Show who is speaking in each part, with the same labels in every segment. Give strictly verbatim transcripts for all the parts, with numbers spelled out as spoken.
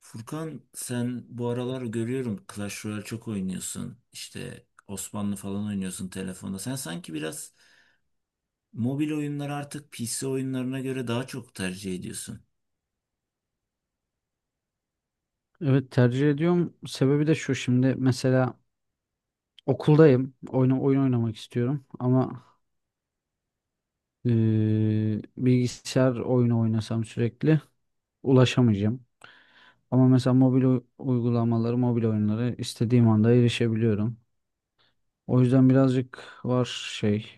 Speaker 1: Furkan, sen bu aralar görüyorum Clash Royale çok oynuyorsun. İşte Osmanlı falan oynuyorsun telefonda. Sen sanki biraz mobil oyunları artık P C oyunlarına göre daha çok tercih ediyorsun.
Speaker 2: Evet tercih ediyorum. Sebebi de şu, şimdi mesela okuldayım. Oyun, oyun oynamak istiyorum ama eee, bilgisayar oyunu oynasam sürekli ulaşamayacağım. Ama mesela mobil u- uygulamaları, mobil oyunları istediğim anda erişebiliyorum. O yüzden birazcık var şey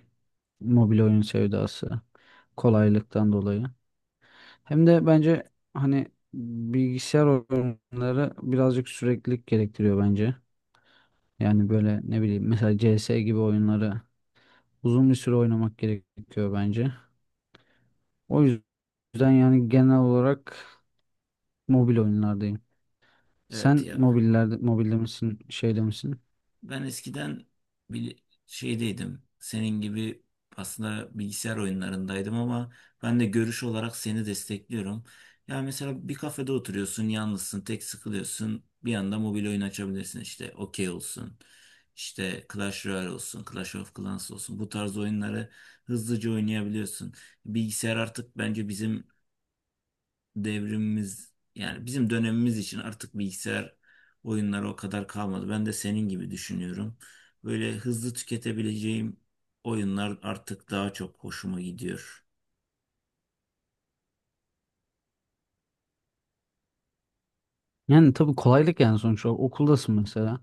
Speaker 2: mobil oyun sevdası, kolaylıktan dolayı. Hem de bence hani bilgisayar oyunları birazcık süreklilik gerektiriyor bence. Yani böyle ne bileyim mesela C S gibi oyunları uzun bir süre oynamak gerekiyor bence. O yüzden yani genel olarak mobil oyunlardayım.
Speaker 1: Evet
Speaker 2: Sen
Speaker 1: ya.
Speaker 2: mobillerde, mobilde misin, şeyde misin?
Speaker 1: Ben eskiden bir şeydeydim. Senin gibi aslında bilgisayar oyunlarındaydım ama ben de görüş olarak seni destekliyorum. Ya mesela bir kafede oturuyorsun, yalnızsın, tek sıkılıyorsun. Bir anda mobil oyun açabilirsin işte. Okey olsun. İşte Clash Royale olsun, Clash of Clans olsun. Bu tarz oyunları hızlıca oynayabiliyorsun. Bilgisayar artık bence bizim devrimimiz yani bizim dönemimiz için artık bilgisayar oyunları o kadar kalmadı. Ben de senin gibi düşünüyorum. Böyle hızlı tüketebileceğim oyunlar artık daha çok hoşuma gidiyor.
Speaker 2: Yani tabii kolaylık yani sonuç olarak. Okuldasın mesela.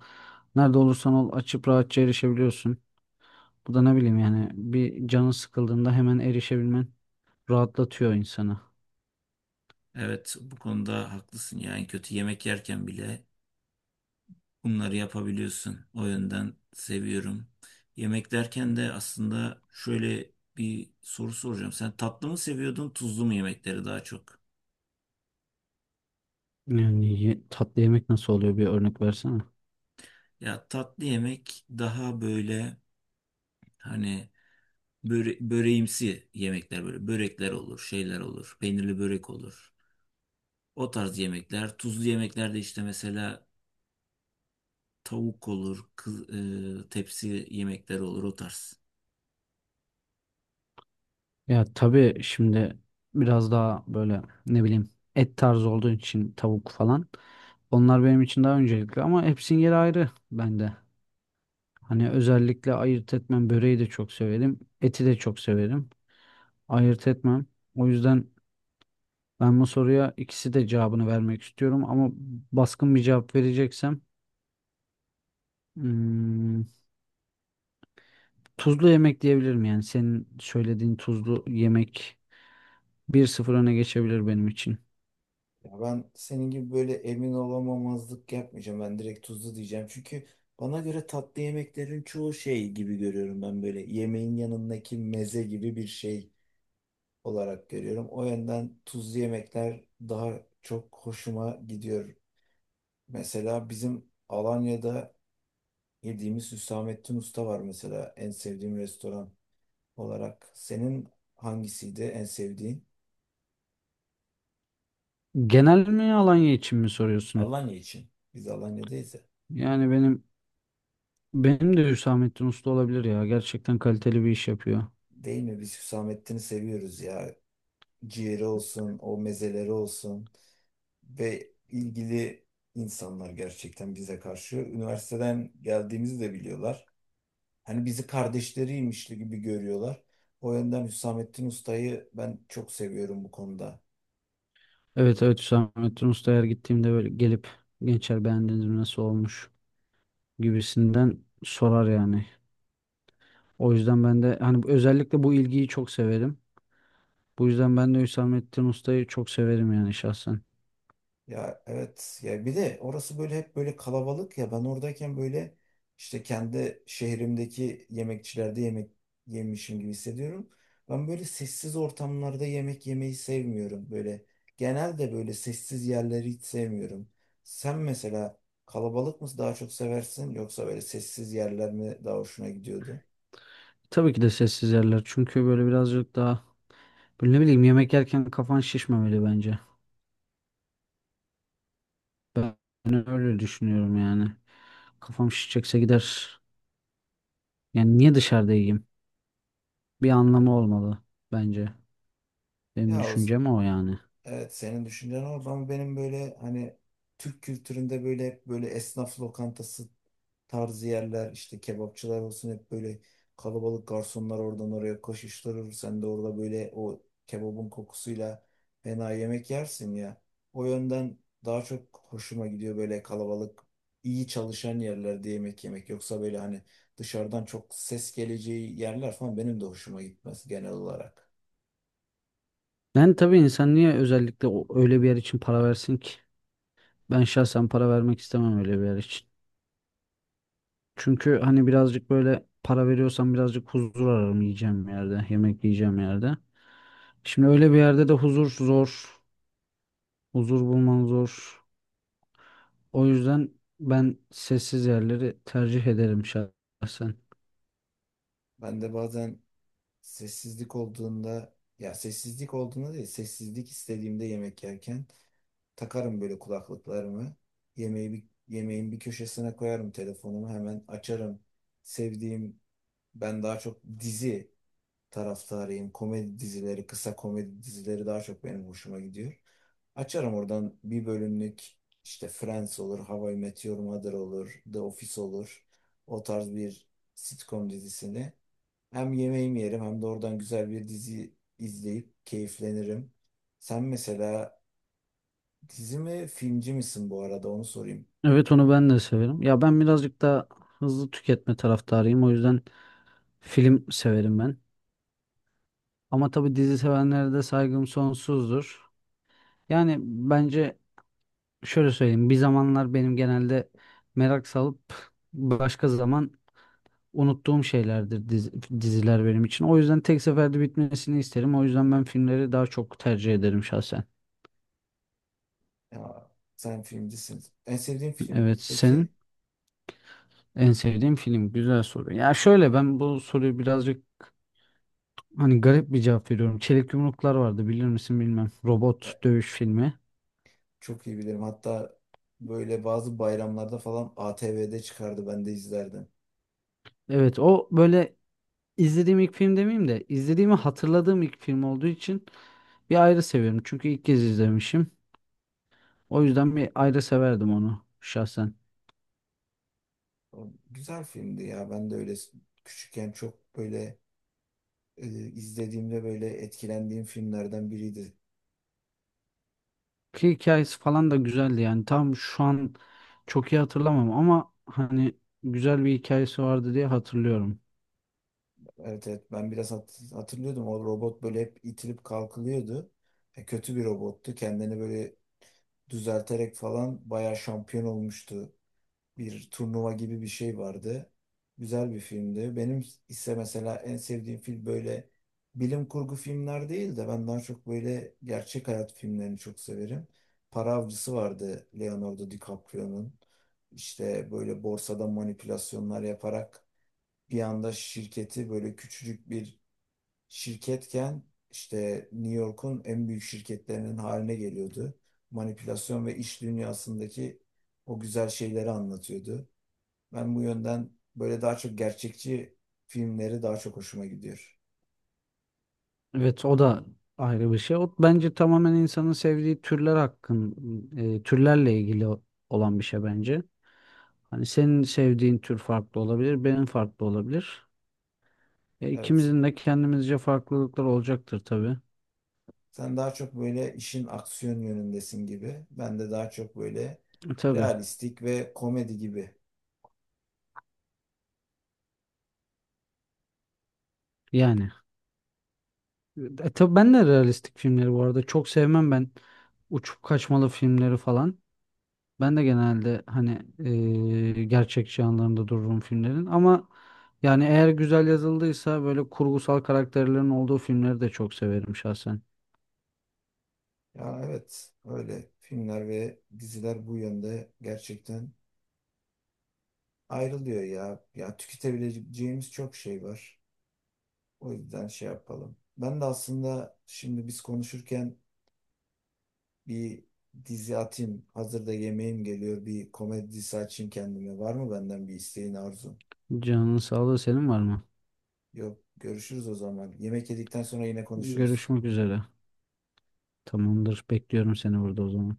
Speaker 2: Nerede olursan ol açıp rahatça erişebiliyorsun. Bu da ne bileyim yani bir canı sıkıldığında hemen erişebilmen rahatlatıyor insanı.
Speaker 1: Evet, bu konuda haklısın. Yani kötü yemek yerken bile bunları yapabiliyorsun. O yönden seviyorum. Yemek derken de aslında şöyle bir soru soracağım. Sen tatlı mı seviyordun, tuzlu mu yemekleri daha çok?
Speaker 2: Yani ye- tatlı yemek nasıl oluyor, bir örnek versene.
Speaker 1: Ya tatlı yemek daha böyle hani Böre böreğimsi yemekler böyle. Börekler olur, şeyler olur. Peynirli börek olur. O tarz yemekler. Tuzlu yemeklerde işte mesela tavuk olur, kız, e, tepsi yemekleri olur o tarz.
Speaker 2: Ya tabii şimdi biraz daha böyle ne bileyim et tarzı olduğu için tavuk falan. Onlar benim için daha öncelikli ama hepsinin yeri ayrı bende. Hani özellikle ayırt etmem, böreği de çok severim. Eti de çok severim. Ayırt etmem. O yüzden ben bu soruya ikisi de cevabını vermek istiyorum ama baskın bir cevap vereceksem hmm, tuzlu yemek diyebilirim. Yani senin söylediğin tuzlu yemek bir sıfır öne geçebilir benim için.
Speaker 1: Ya ben senin gibi böyle emin olamamazlık yapmayacağım. Ben direkt tuzlu diyeceğim. Çünkü bana göre tatlı yemeklerin çoğu şey gibi görüyorum, ben böyle yemeğin yanındaki meze gibi bir şey olarak görüyorum. O yönden tuzlu yemekler daha çok hoşuma gidiyor. Mesela bizim Alanya'da yediğimiz Hüsamettin Usta var mesela en sevdiğim restoran olarak. Senin hangisiydi en sevdiğin?
Speaker 2: Genel mi, Alanya için mi soruyorsun?
Speaker 1: Alanya için. Biz Alanya'dayız ya.
Speaker 2: Yani benim benim de Hüsamettin Usta olabilir ya. Gerçekten kaliteli bir iş yapıyor.
Speaker 1: Değil mi? Biz Hüsamettin'i seviyoruz ya. Ciğeri olsun, o mezeleri olsun ve ilgili insanlar gerçekten bize karşı. Üniversiteden geldiğimizi de biliyorlar. Hani bizi kardeşleriymiş gibi görüyorlar. O yönden Hüsamettin Usta'yı ben çok seviyorum bu konuda.
Speaker 2: Evet, evet, Hüsamettin Usta eğer gittiğimde böyle gelip "gençler, beğendiniz mi, nasıl olmuş" gibisinden sorar yani. O yüzden ben de hani özellikle bu ilgiyi çok severim. Bu yüzden ben de Hüsamettin Usta'yı çok severim yani şahsen.
Speaker 1: Ya evet ya, bir de orası böyle hep böyle kalabalık ya, ben oradayken böyle işte kendi şehrimdeki yemekçilerde yemek yemişim gibi hissediyorum. Ben böyle sessiz ortamlarda yemek yemeyi sevmiyorum böyle. Genelde böyle sessiz yerleri hiç sevmiyorum. Sen mesela kalabalık mı daha çok seversin yoksa böyle sessiz yerler mi daha hoşuna gidiyordu?
Speaker 2: Tabii ki de sessiz yerler, çünkü böyle birazcık daha böyle ne bileyim yemek yerken kafan şişmemeli bence. Ben öyle düşünüyorum yani. Kafam şişecekse gider. Yani niye dışarıda yiyeyim? Bir anlamı olmalı bence. Benim
Speaker 1: Ya o
Speaker 2: düşüncem o yani.
Speaker 1: Evet, senin düşüncen orada ama benim böyle hani Türk kültüründe böyle hep böyle esnaf lokantası tarzı yerler, işte kebapçılar olsun, hep böyle kalabalık garsonlar oradan oraya koşuşturur. Sen de orada böyle o kebabın kokusuyla fena yemek yersin ya. O yönden daha çok hoşuma gidiyor böyle kalabalık iyi çalışan yerlerde yemek yemek. Yoksa böyle hani dışarıdan çok ses geleceği yerler falan benim de hoşuma gitmez genel olarak.
Speaker 2: Yani tabii insan niye özellikle o- öyle bir yer için para versin ki? Ben şahsen para vermek istemem öyle bir yer için. Çünkü hani birazcık böyle para veriyorsam birazcık huzur ararım yiyeceğim yerde, yemek yiyeceğim yerde. Şimdi öyle bir yerde de huzur zor, huzur bulman zor. O yüzden ben sessiz yerleri tercih ederim şahsen.
Speaker 1: Ben de bazen Sessizlik olduğunda ya sessizlik olduğunda değil, sessizlik istediğimde yemek yerken takarım böyle kulaklıklarımı, yemeği bir, yemeğin bir köşesine koyarım, telefonumu hemen açarım sevdiğim, ben daha çok dizi taraftarıyım, komedi dizileri, kısa komedi dizileri daha çok benim hoşuma gidiyor, açarım oradan bir bölümlük, işte Friends olur, How I Met Your Mother olur, The Office olur, o tarz bir sitcom dizisini hem yemeğimi yerim hem de oradan güzel bir dizi izleyip keyiflenirim. Sen mesela dizi mi filmci misin, bu arada onu sorayım.
Speaker 2: Evet, onu ben de severim. Ya ben birazcık daha hızlı tüketme taraftarıyım. O yüzden film severim ben. Ama tabii dizi sevenlere de saygım sonsuzdur. Yani bence şöyle söyleyeyim. Bir zamanlar benim genelde merak salıp başka zaman unuttuğum şeylerdir dizi- diziler benim için. O yüzden tek seferde bitmesini isterim. O yüzden ben filmleri daha çok tercih ederim şahsen.
Speaker 1: Ya, sen filmcisin. En sevdiğin film
Speaker 2: Evet, senin
Speaker 1: peki?
Speaker 2: en sevdiğin film. Güzel soru. Ya şöyle, ben bu soruyu birazcık hani garip bir cevap veriyorum. Çelik Yumruklar vardı, bilir misin bilmem.
Speaker 1: E,
Speaker 2: Robot dövüş filmi.
Speaker 1: Çok iyi bilirim. Hatta böyle bazı bayramlarda falan A T V'de çıkardı, ben de izlerdim.
Speaker 2: Evet, o böyle İzlediğim ilk film demeyeyim de izlediğimi hatırladığım ilk film olduğu için bir ayrı seviyorum. Çünkü ilk kez izlemişim. O yüzden bir ayrı severdim onu şahsen.
Speaker 1: O güzel filmdi ya. Ben de öyle küçükken çok böyle e, izlediğimde böyle etkilendiğim filmlerden biriydi.
Speaker 2: Ki hikayesi falan da güzeldi yani. Tam şu an çok iyi hatırlamam ama hani güzel bir hikayesi vardı diye hatırlıyorum.
Speaker 1: Evet evet, ben biraz hat- hatırlıyordum, o robot böyle hep itilip kalkılıyordu. E, kötü bir robottu. Kendini böyle düzelterek falan bayağı şampiyon olmuştu. Bir turnuva gibi bir şey vardı. Güzel bir filmdi. Benim ise mesela en sevdiğim film böyle bilim kurgu filmler değil de, ben daha çok böyle gerçek hayat filmlerini çok severim. Para Avcısı vardı, Leonardo DiCaprio'nun. İşte böyle borsada manipülasyonlar yaparak bir anda şirketi, böyle küçücük bir şirketken, işte New York'un en büyük şirketlerinin haline geliyordu. Manipülasyon ve iş dünyasındaki o güzel şeyleri anlatıyordu. Ben bu yönden böyle daha çok gerçekçi filmleri daha çok hoşuma gidiyor.
Speaker 2: Evet, o da ayrı bir şey. O bence tamamen insanın sevdiği türler hakkın e, türlerle ilgili o- olan bir şey bence. Hani senin sevdiğin tür farklı olabilir, benim farklı olabilir. E,
Speaker 1: Evet.
Speaker 2: ikimizin de kendimizce farklılıklar olacaktır tabii.
Speaker 1: Sen daha çok böyle işin aksiyon yönündesin gibi. Ben de daha çok böyle
Speaker 2: E, tabii
Speaker 1: realistik ve komedi gibi.
Speaker 2: yani. E, tabii ben de realistik filmleri bu arada çok sevmem, ben uçup kaçmalı filmleri falan. Ben de genelde hani e, gerçekçi yanlarında dururum filmlerin ama yani eğer güzel yazıldıysa böyle kurgusal karakterlerin olduğu filmleri de çok severim şahsen.
Speaker 1: Ya evet, öyle filmler ve diziler bu yönde gerçekten ayrılıyor ya. Ya tüketebileceğimiz çok şey var. O yüzden şey yapalım. Ben de aslında şimdi biz konuşurken bir dizi atayım. Hazırda yemeğim geliyor. Bir komedi dizisi açayım kendime. Var mı benden bir isteğin, arzun?
Speaker 2: Canın sağlığı, senin var mı?
Speaker 1: Yok. Görüşürüz o zaman. Yemek yedikten sonra yine konuşuruz.
Speaker 2: Görüşmek üzere. Tamamdır. Bekliyorum seni burada o zaman.